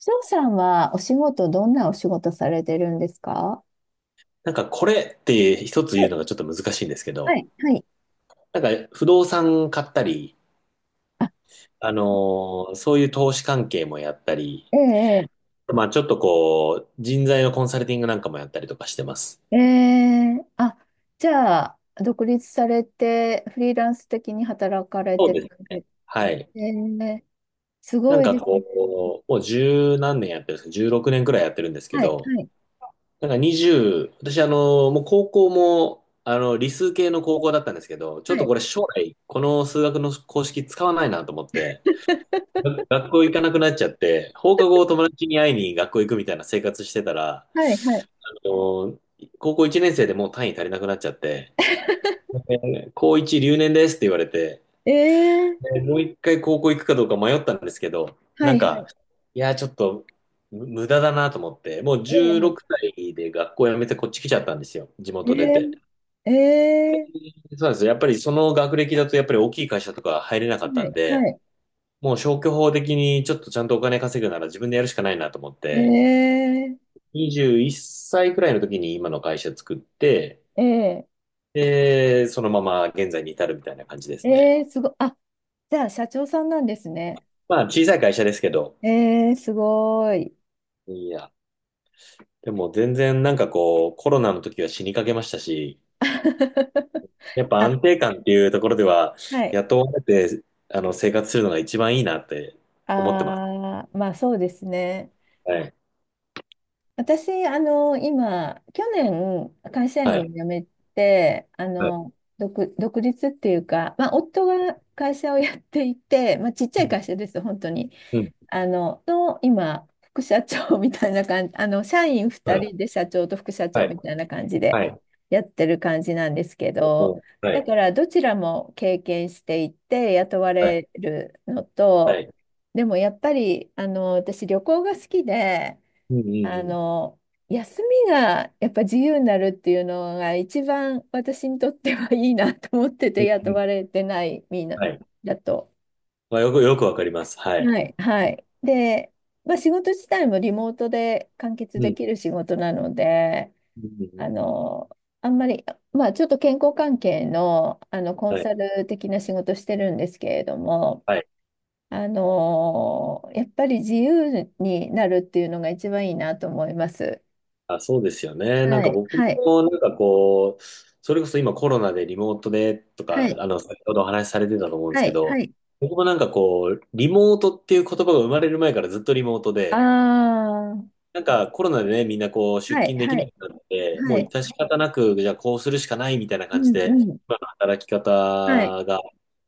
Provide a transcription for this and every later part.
翔さんはお仕事、どんなお仕事されてるんですか？なんかこれって一つは言うい、のがちょっと難しいんですけはど、い、はい。なんか不動産買ったり、あ、あのそういう投資関係もやったり、ええ、まあちょっとこう、人材のコンサルティングなんかもやったりとかしてます。ええ、ええあ、じゃあ、独立されて、フリーランス的に働かれそうてでるすんね。で、はい。ええ、すなごんいかですね。こう、もう十何年やってるんですか。16年くねんくらいやってるんですけはい、はど、い、なんか20、私もう高校も、あの、理数系の高校だったんですけど、ちょはっとい、これ将来、この数学の公式使わないなと思って、が学校行かなくなっちゃって、放課後友達に会いに学校行くみたいな生活してたら、はい、はい、あの、高校1年生でもう単位足りなくなっちゃって、で高1留年ですって言われて、ええ、でもう一回高校行くかどうか迷ったんですけど、はなんい、はか、い、いや、ちょっと無駄だなと思って、もうええ、16歳で学校辞めてこっち来ちゃったんですよ、地え元出て。え、ええ、そうなんですよ。やっぱりその学歴だとやっぱり大きい会社とか入れなかったはんい、はで、い、もう消去法的にちょっとちゃんとお金稼ぐなら自分でやるしかないなと思っえて、え、21歳くらいの時に今の会社作って、ええ、で、そのまま現在に至るみたいな感じですね。ええ、すごい、あ、じゃあ、社長さんなんですね。まあ小さい会社ですけど、ええ、すごい。いや、でも全然なんかこうコロナの時は死にかけましたし、やっぱあ、安定感っていうところでははい。雇われてあの生活するのが一番いいなって思ってます。ああ、まあそうですね。はい。私、今、去年、会社は員をい。辞めて、はい。独立っていうか、まあ、夫が会社をやっていて、まあ、ちっちゃういん。会社です、本当に。うん今、副社長みたいな感じ、あの、社員は2い。人で社長と副社は長い。みたいな感じではい。やってる感じなんですけうど、んはだい。からどちらも経験していて雇わはい。れるのはと、い。でもやっぱり、私旅行が好きで、うんうんあうん。の、休みがやっぱ自由になるっていうのが一番私にとってはいいなと思ってうてん雇うん、われてないみんなはい。だと。まあ、よく、よくわかります。はい。はい、はい。で、まあ、仕事自体もリモートで完結うでん。きる仕事なので、うんうんうあん、の、あんまり、まあ、ちょっと健康関係の、コンはい。サル的な仕事してるんですけれども、はい。やっぱり自由になるっていうのが一番いいなと思います。あ、そうですよね。なんはかい、僕はい、も、なんかこう、それこそ今コロナでリモートでとか、はい、あの、先ほどお話しされてたと思うんですはけい、はど、い。僕もなんかこう、リモートっていう言葉が生まれる前からずっとリモートで、ああ、なんかコロナでね、みんなこう、出はい、勤できはない、くなって、もはうい。致し方なく、じゃあこうするしかないみたいなう感じん、で、うん。今の働き方はい、が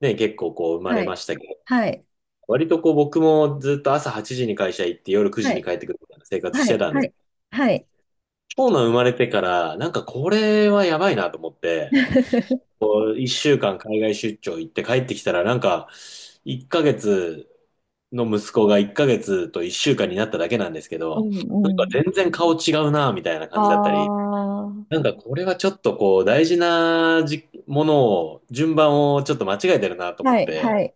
ね、結構こう、生まはれまい、したけど、はい、割とこう僕もずっと朝8時に会社行って夜9は時にい、帰ってくるみたいな生活しはてい、たんではす。い。はい 長男生まれてからなんかこれはやばいなと思って、1週間海外出張行って帰ってきたらなんか1ヶ月の息子が1ヶ月と1週間になっただけなんですけうど、なんんうかん。全然顔違うなみたいなあ感じだったり、あなんかこれはちょっとこう大事なものを順番をちょっと間違えてるなと思っはい、て、はい。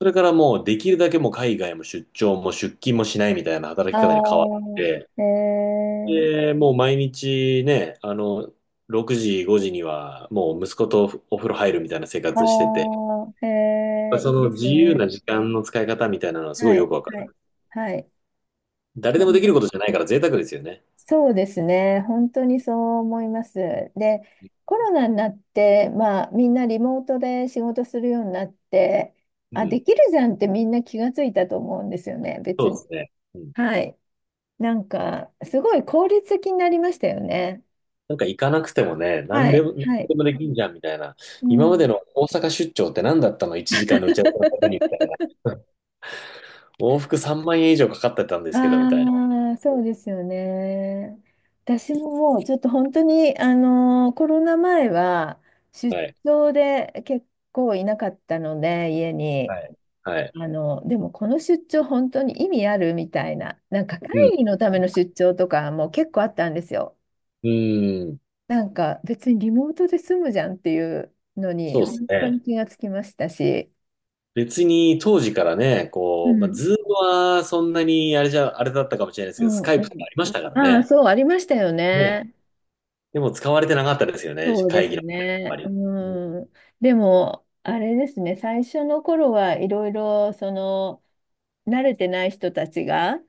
それからもうできるだけもう海外も出張も出勤もしないみたいな働き方に変わっああて、へえ、で、もう毎日ね、あの、6時、5時にはもう息子とお風呂入るみたいな生活してああて、へえ、そいいでのす自よ由ね。な時間の使い方みたいなのはすごはいい、よくわかはい、る。はい。誰うでもでんきることじゃないから贅沢ですよね。そうですね。本当にそう思います。で、コロナになって、まあ、みんなリモートで仕事するようになって、うあ、ん、できるじゃんってみんな気がついたと思うんですよね、そ別うでに。すね。うん、はい。なんか、すごい効率的になりましたよね。なんか行かなくてもね、何はでい、も、何はい。でもできんじゃんみたいな。う今までん。の大阪出張って何だったの？ 1 時間の打ち合わせのためにみたいな。往復3万円以上かかってたんですけどみあたいな。あ、そうですよね。私ももうちょっと本当に、コロナ前は出はい。張で結構いなかったので、家に。はい。はい。でもこの出張本当に意味あるみたいな、なんか会うん。議のための出張とかも結構あったんですよ。うーん。なんか別にリモートで済むじゃんっていうのにそうです本当にね。気がつきましたし。別に当時からね、うこう、まあ、ん。ズームはそんなにあれじゃ、あれだったかもしれないですうけど、スんカイうプとかん。ありましたからああ、ね。そう、ありましたよね。ね。でも使われてなかったですよね、そうで会議すの場ではやっぱね。うり。ん。でも、あれですね、最初の頃はいろいろ、その、慣れてない人たちが、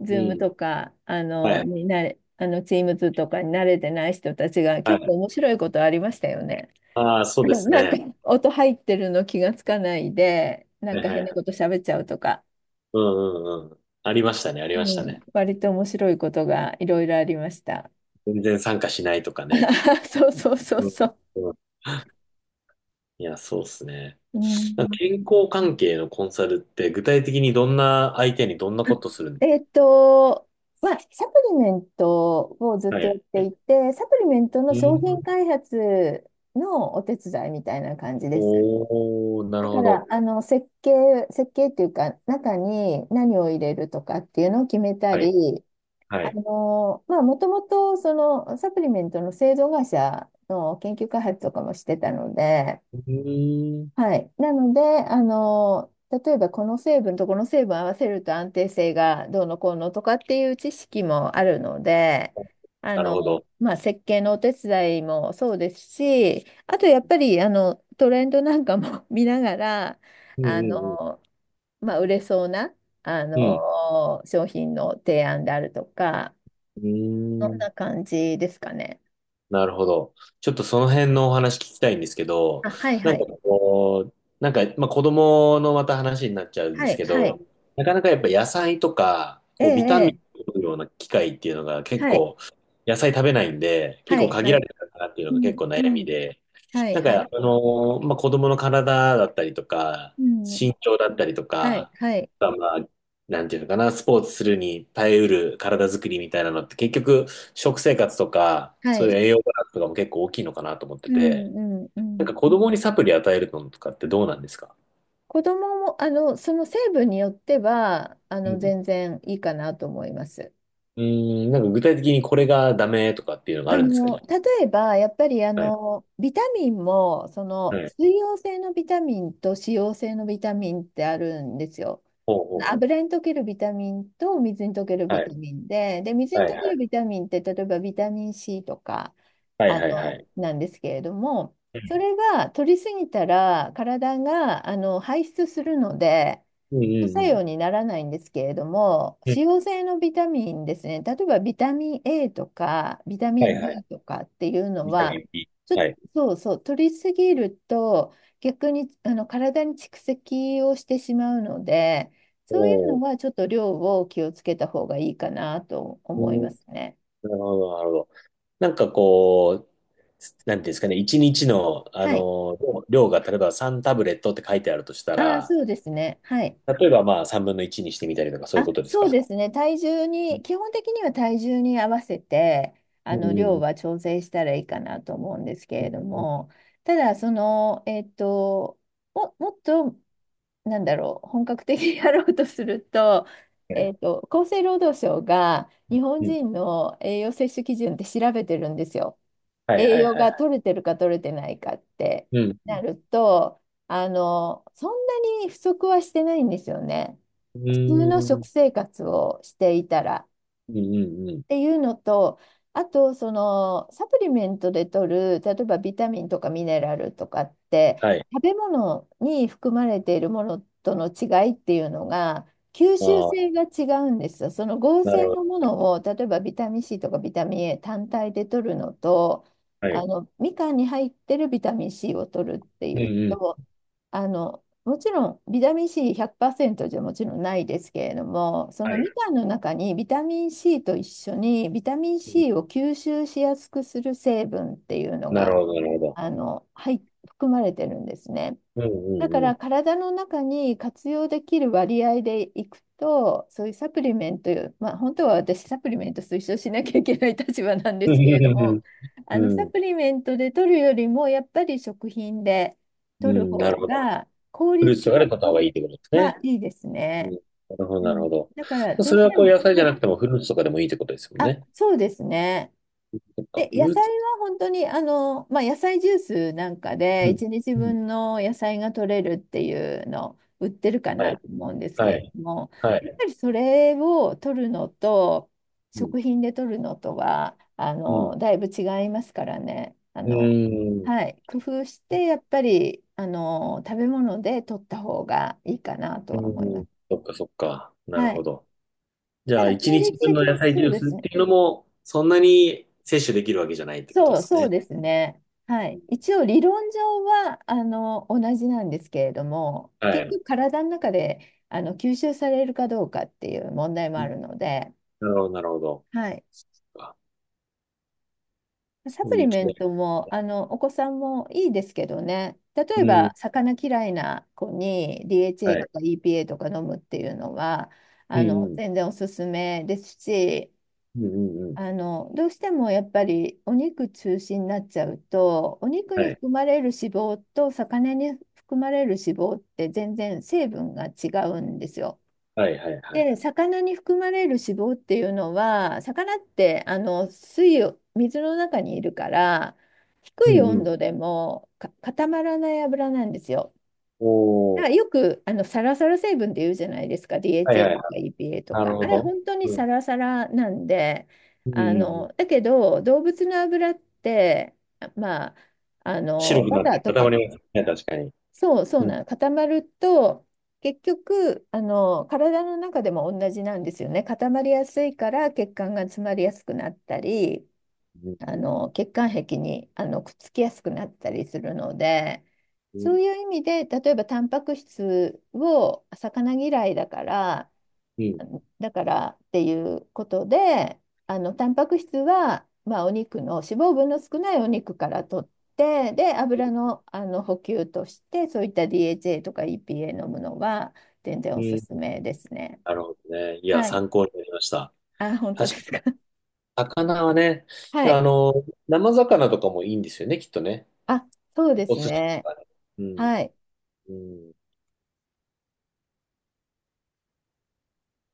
ズうん。ームうん、とか、あはの、い。になれ、あの、チームズとかに慣れてない人たちがは結い。構面白いことありましたよね。ああ、そうですなんか、ね。音入ってるの気がつかないで、なんはいかはい変なはことい。喋っちゃうとか、うんうんうん。ありましたね、ありうましたん、ね。割と面白いことがいろいろありました。全然参加しないとかね。そうそうそううん。そう。うん、いや、そうですね。うなんか健ん康関係のコンサルって具体的にどんな相手にどんなことするん？えっと、まあ、サプリメントをずっはとやっい。ていて、サプリメントのうー商品ん。開発のお手伝いみたいな感じです。おー、なだるかほら、ど。設計っていうか、中に何を入れるとかっていうのを決めたはい。り、はい。まあ、もともと、その、サプリメントの製造会社の研究開発とかもしてたので、うーん。はい。なので、例えばこの成分とこの成分合わせると安定性がどうのこうのとかっていう知識もあるので、なるほど。まあ、設計のお手伝いもそうですし、あとやっぱり、トレンドなんかも 見ながら、うんあうんの、まあ、売れそうな、うん。商品の提案であるとか、うん。そうーんん。な感じですかね。なるほど。ちょっとその辺のお話聞きたいんですけど、あ、はいなはんい。かこう、なんか、まあ、子供のまた話になっちゃうんではすいけはど、い。なかなかやっぱ野菜とか、えこうビタミえ、ええンを取るような機会っていうのが結はい構、野菜食べないんで、結は構い限はらい。れたかなっていうのうが結ん構う悩みんで、はい、なんはか、い。まあ、子供の体だったりとか、うん。身長だったりとはい、か、はい、まあ、まあ、なんていうのかな、スポーツするに耐えうる体作りみたいなのって結局、食生活とか、はそういうい。栄養バランスとかも結構大きいのかなと思ってうて、ん、うん、うなんん。か子供にサプリ与えるのとかってどうなんですか？子供も、その成分によっては、うん。全然いいかなと思います。うーん、なんか具体的にこれがダメとかっていうのがあるんですか？じゃ例えば、やっぱりあ。はい。ビタミンも、そはの、い。水溶性のビタミンと脂溶性のビタミンってあるんですよ。ほうほうほ油に溶けるビタミンと水に溶けるう。はビタい。ミンで、で、水にはいは溶けるい。ビタミンって、例えばビタミン C とか、はいはいはい。なんですけれども、そうれは取りすぎたら体が排出するので、んうん副作うん。用にならないんですけれども、う使ん、用性のビタミンですね、例えばビタミン A とかビタミはいン はい。D とかっていうのビタは、ミン B。ちょっはとい。そうそう、取りすぎると逆に体に蓄積をしてしまうので、そういうのお、はちょっと量を気をつけた方がいいかなとうー思いまん、すね。なるほど、なるほど。なんかこう、なんていうんですかね、一日の、あはい。の、量が例えば3タブレットって書いてあるとしたああ、ら、そうですね。はい。例えばまあ3分の1にしてみたりとかそういあ、うことですそうか？ですね。体重に、基本的には体重に合わせて、うん量うはん調整したらいいかなと思うんですけうれどん。うも、ただ、もっと、なんだろう、本格的にやろうとすると、えっんと、厚生労働省が日本うん、人の栄養摂取基準って調べてるんですよ。はい栄はい養はがい。取れてるか取れてないかってうん。なると、あの、そんなに不足はしてないんですよね。う普通のーん。食生活をしていたら。うんうんうん。っていうのと、あとそのサプリメントで取る、例えばビタミンとかミネラルとかって、はい。食べ物に含まれているものとの違いっていうのが、吸あ収あ、性が違うんですよ。その合な成るほどのもね。のを、例えばビタミン C とかビタミン A 単体で取るのと、はい。みかんに入ってるビタミン C を取るっていうんううん。と、あのもちろんビタミン C100% じゃもちろんないですけれども、そはのみい。かんの中にビタミン C と一緒にビタミン うん、 C を吸収しやすくする成分っていうのなるがほど、なるほど。あの、はい、含まれてるんですね。うんうだかんうらん。体の中に活用できる割合でいくと、そういうサプリメント、まあ、本当は私サプリメント推奨しなきゃいけない立場なんでうすんけれどうんうも、ん。うサん、プリメントで取るよりもやっぱり食品でう取るん、なる方ほど。が効フルー率ツとかで買った方は、がいいってことですね。いいですうね。ん、なるほど、うなるんほだからど。どそうれしはてこうも、野菜じはゃい、なくてもフルーツとかでもいいってことですもんあ、ね。そうですね。そっか、でフ野ルー菜ツ。は本当に、まあ、野菜ジュースなんかうで、ん。1日うん。分の野菜が取れるっていうの、売ってるかはない。と思うんですはけれい。ども、はやっい。ぱりそれを取るのと、うん。食品で取るのとは、うん。だいぶ違いますからね。うーん。はい、工夫して、やっぱり、食べ物で取った方がいいかなとうは思いまん。す。そっか、そっか。なるはほい。ど。じゃたあ、だ、一効日率分的の野に、菜ジそうューでスっすね。ていうのも、そんなに摂取できるわけじゃないってことでそう、すそうね。ですね。はうん。い。一応理論上は同じなんですけれども、は結い。局体の中で吸収されるかどうかっていう問題もうあん、るので、なるほど、なるほど。はい。そっか。サそうプいうリ違メントもお子さんもいいですけどね、例い。えうん。ば魚嫌いな子に DHA はい。とか EPA とか飲むっていうのはうん、うん。全然おすすめですし、うん、うん、うん。どうしてもやっぱりお肉中心になっちゃうと、お肉はにい。含まれる脂肪と魚に含まれる脂肪って全然成分が違うんですよ。はい、はい、はい。で、魚に含まれる脂肪っていうのは、魚って水の中にいるから、う低いん、う温ん。度でも固まらない油なんですよ。おだー。からよくサラサラ成分って言うじゃないですか、はい、DHA はい。とか EPA となるか。ほあれど。本当にうサん。ラサラなんで、うんうんうん。だけど動物の油って、まあ、白くバなっターてと固か、まりますね、確かに。そうそううん、なの、固まると、結局、体の中でも同じなんですよね。固まりやすいから血管が詰まりやすくなったり、うん、血管壁にくっつきやすくなったりするので、うそん、ういう意味で例えばタンパク質を魚嫌いだからうん、だからっていうことでタンパク質は、まあ、お肉の脂肪分の少ないお肉から取ってで油の、補給としてそういった DHA とか EPA 飲むのは全然うおすん。すめですね。なるほどね。いや、はい。参考になりました。あ、本当で確かすに、か。魚はね、はい。あの、生魚とかもいいんですよね、きっとね。あ、そうでおす寿司とね。かね。うん。はい。うん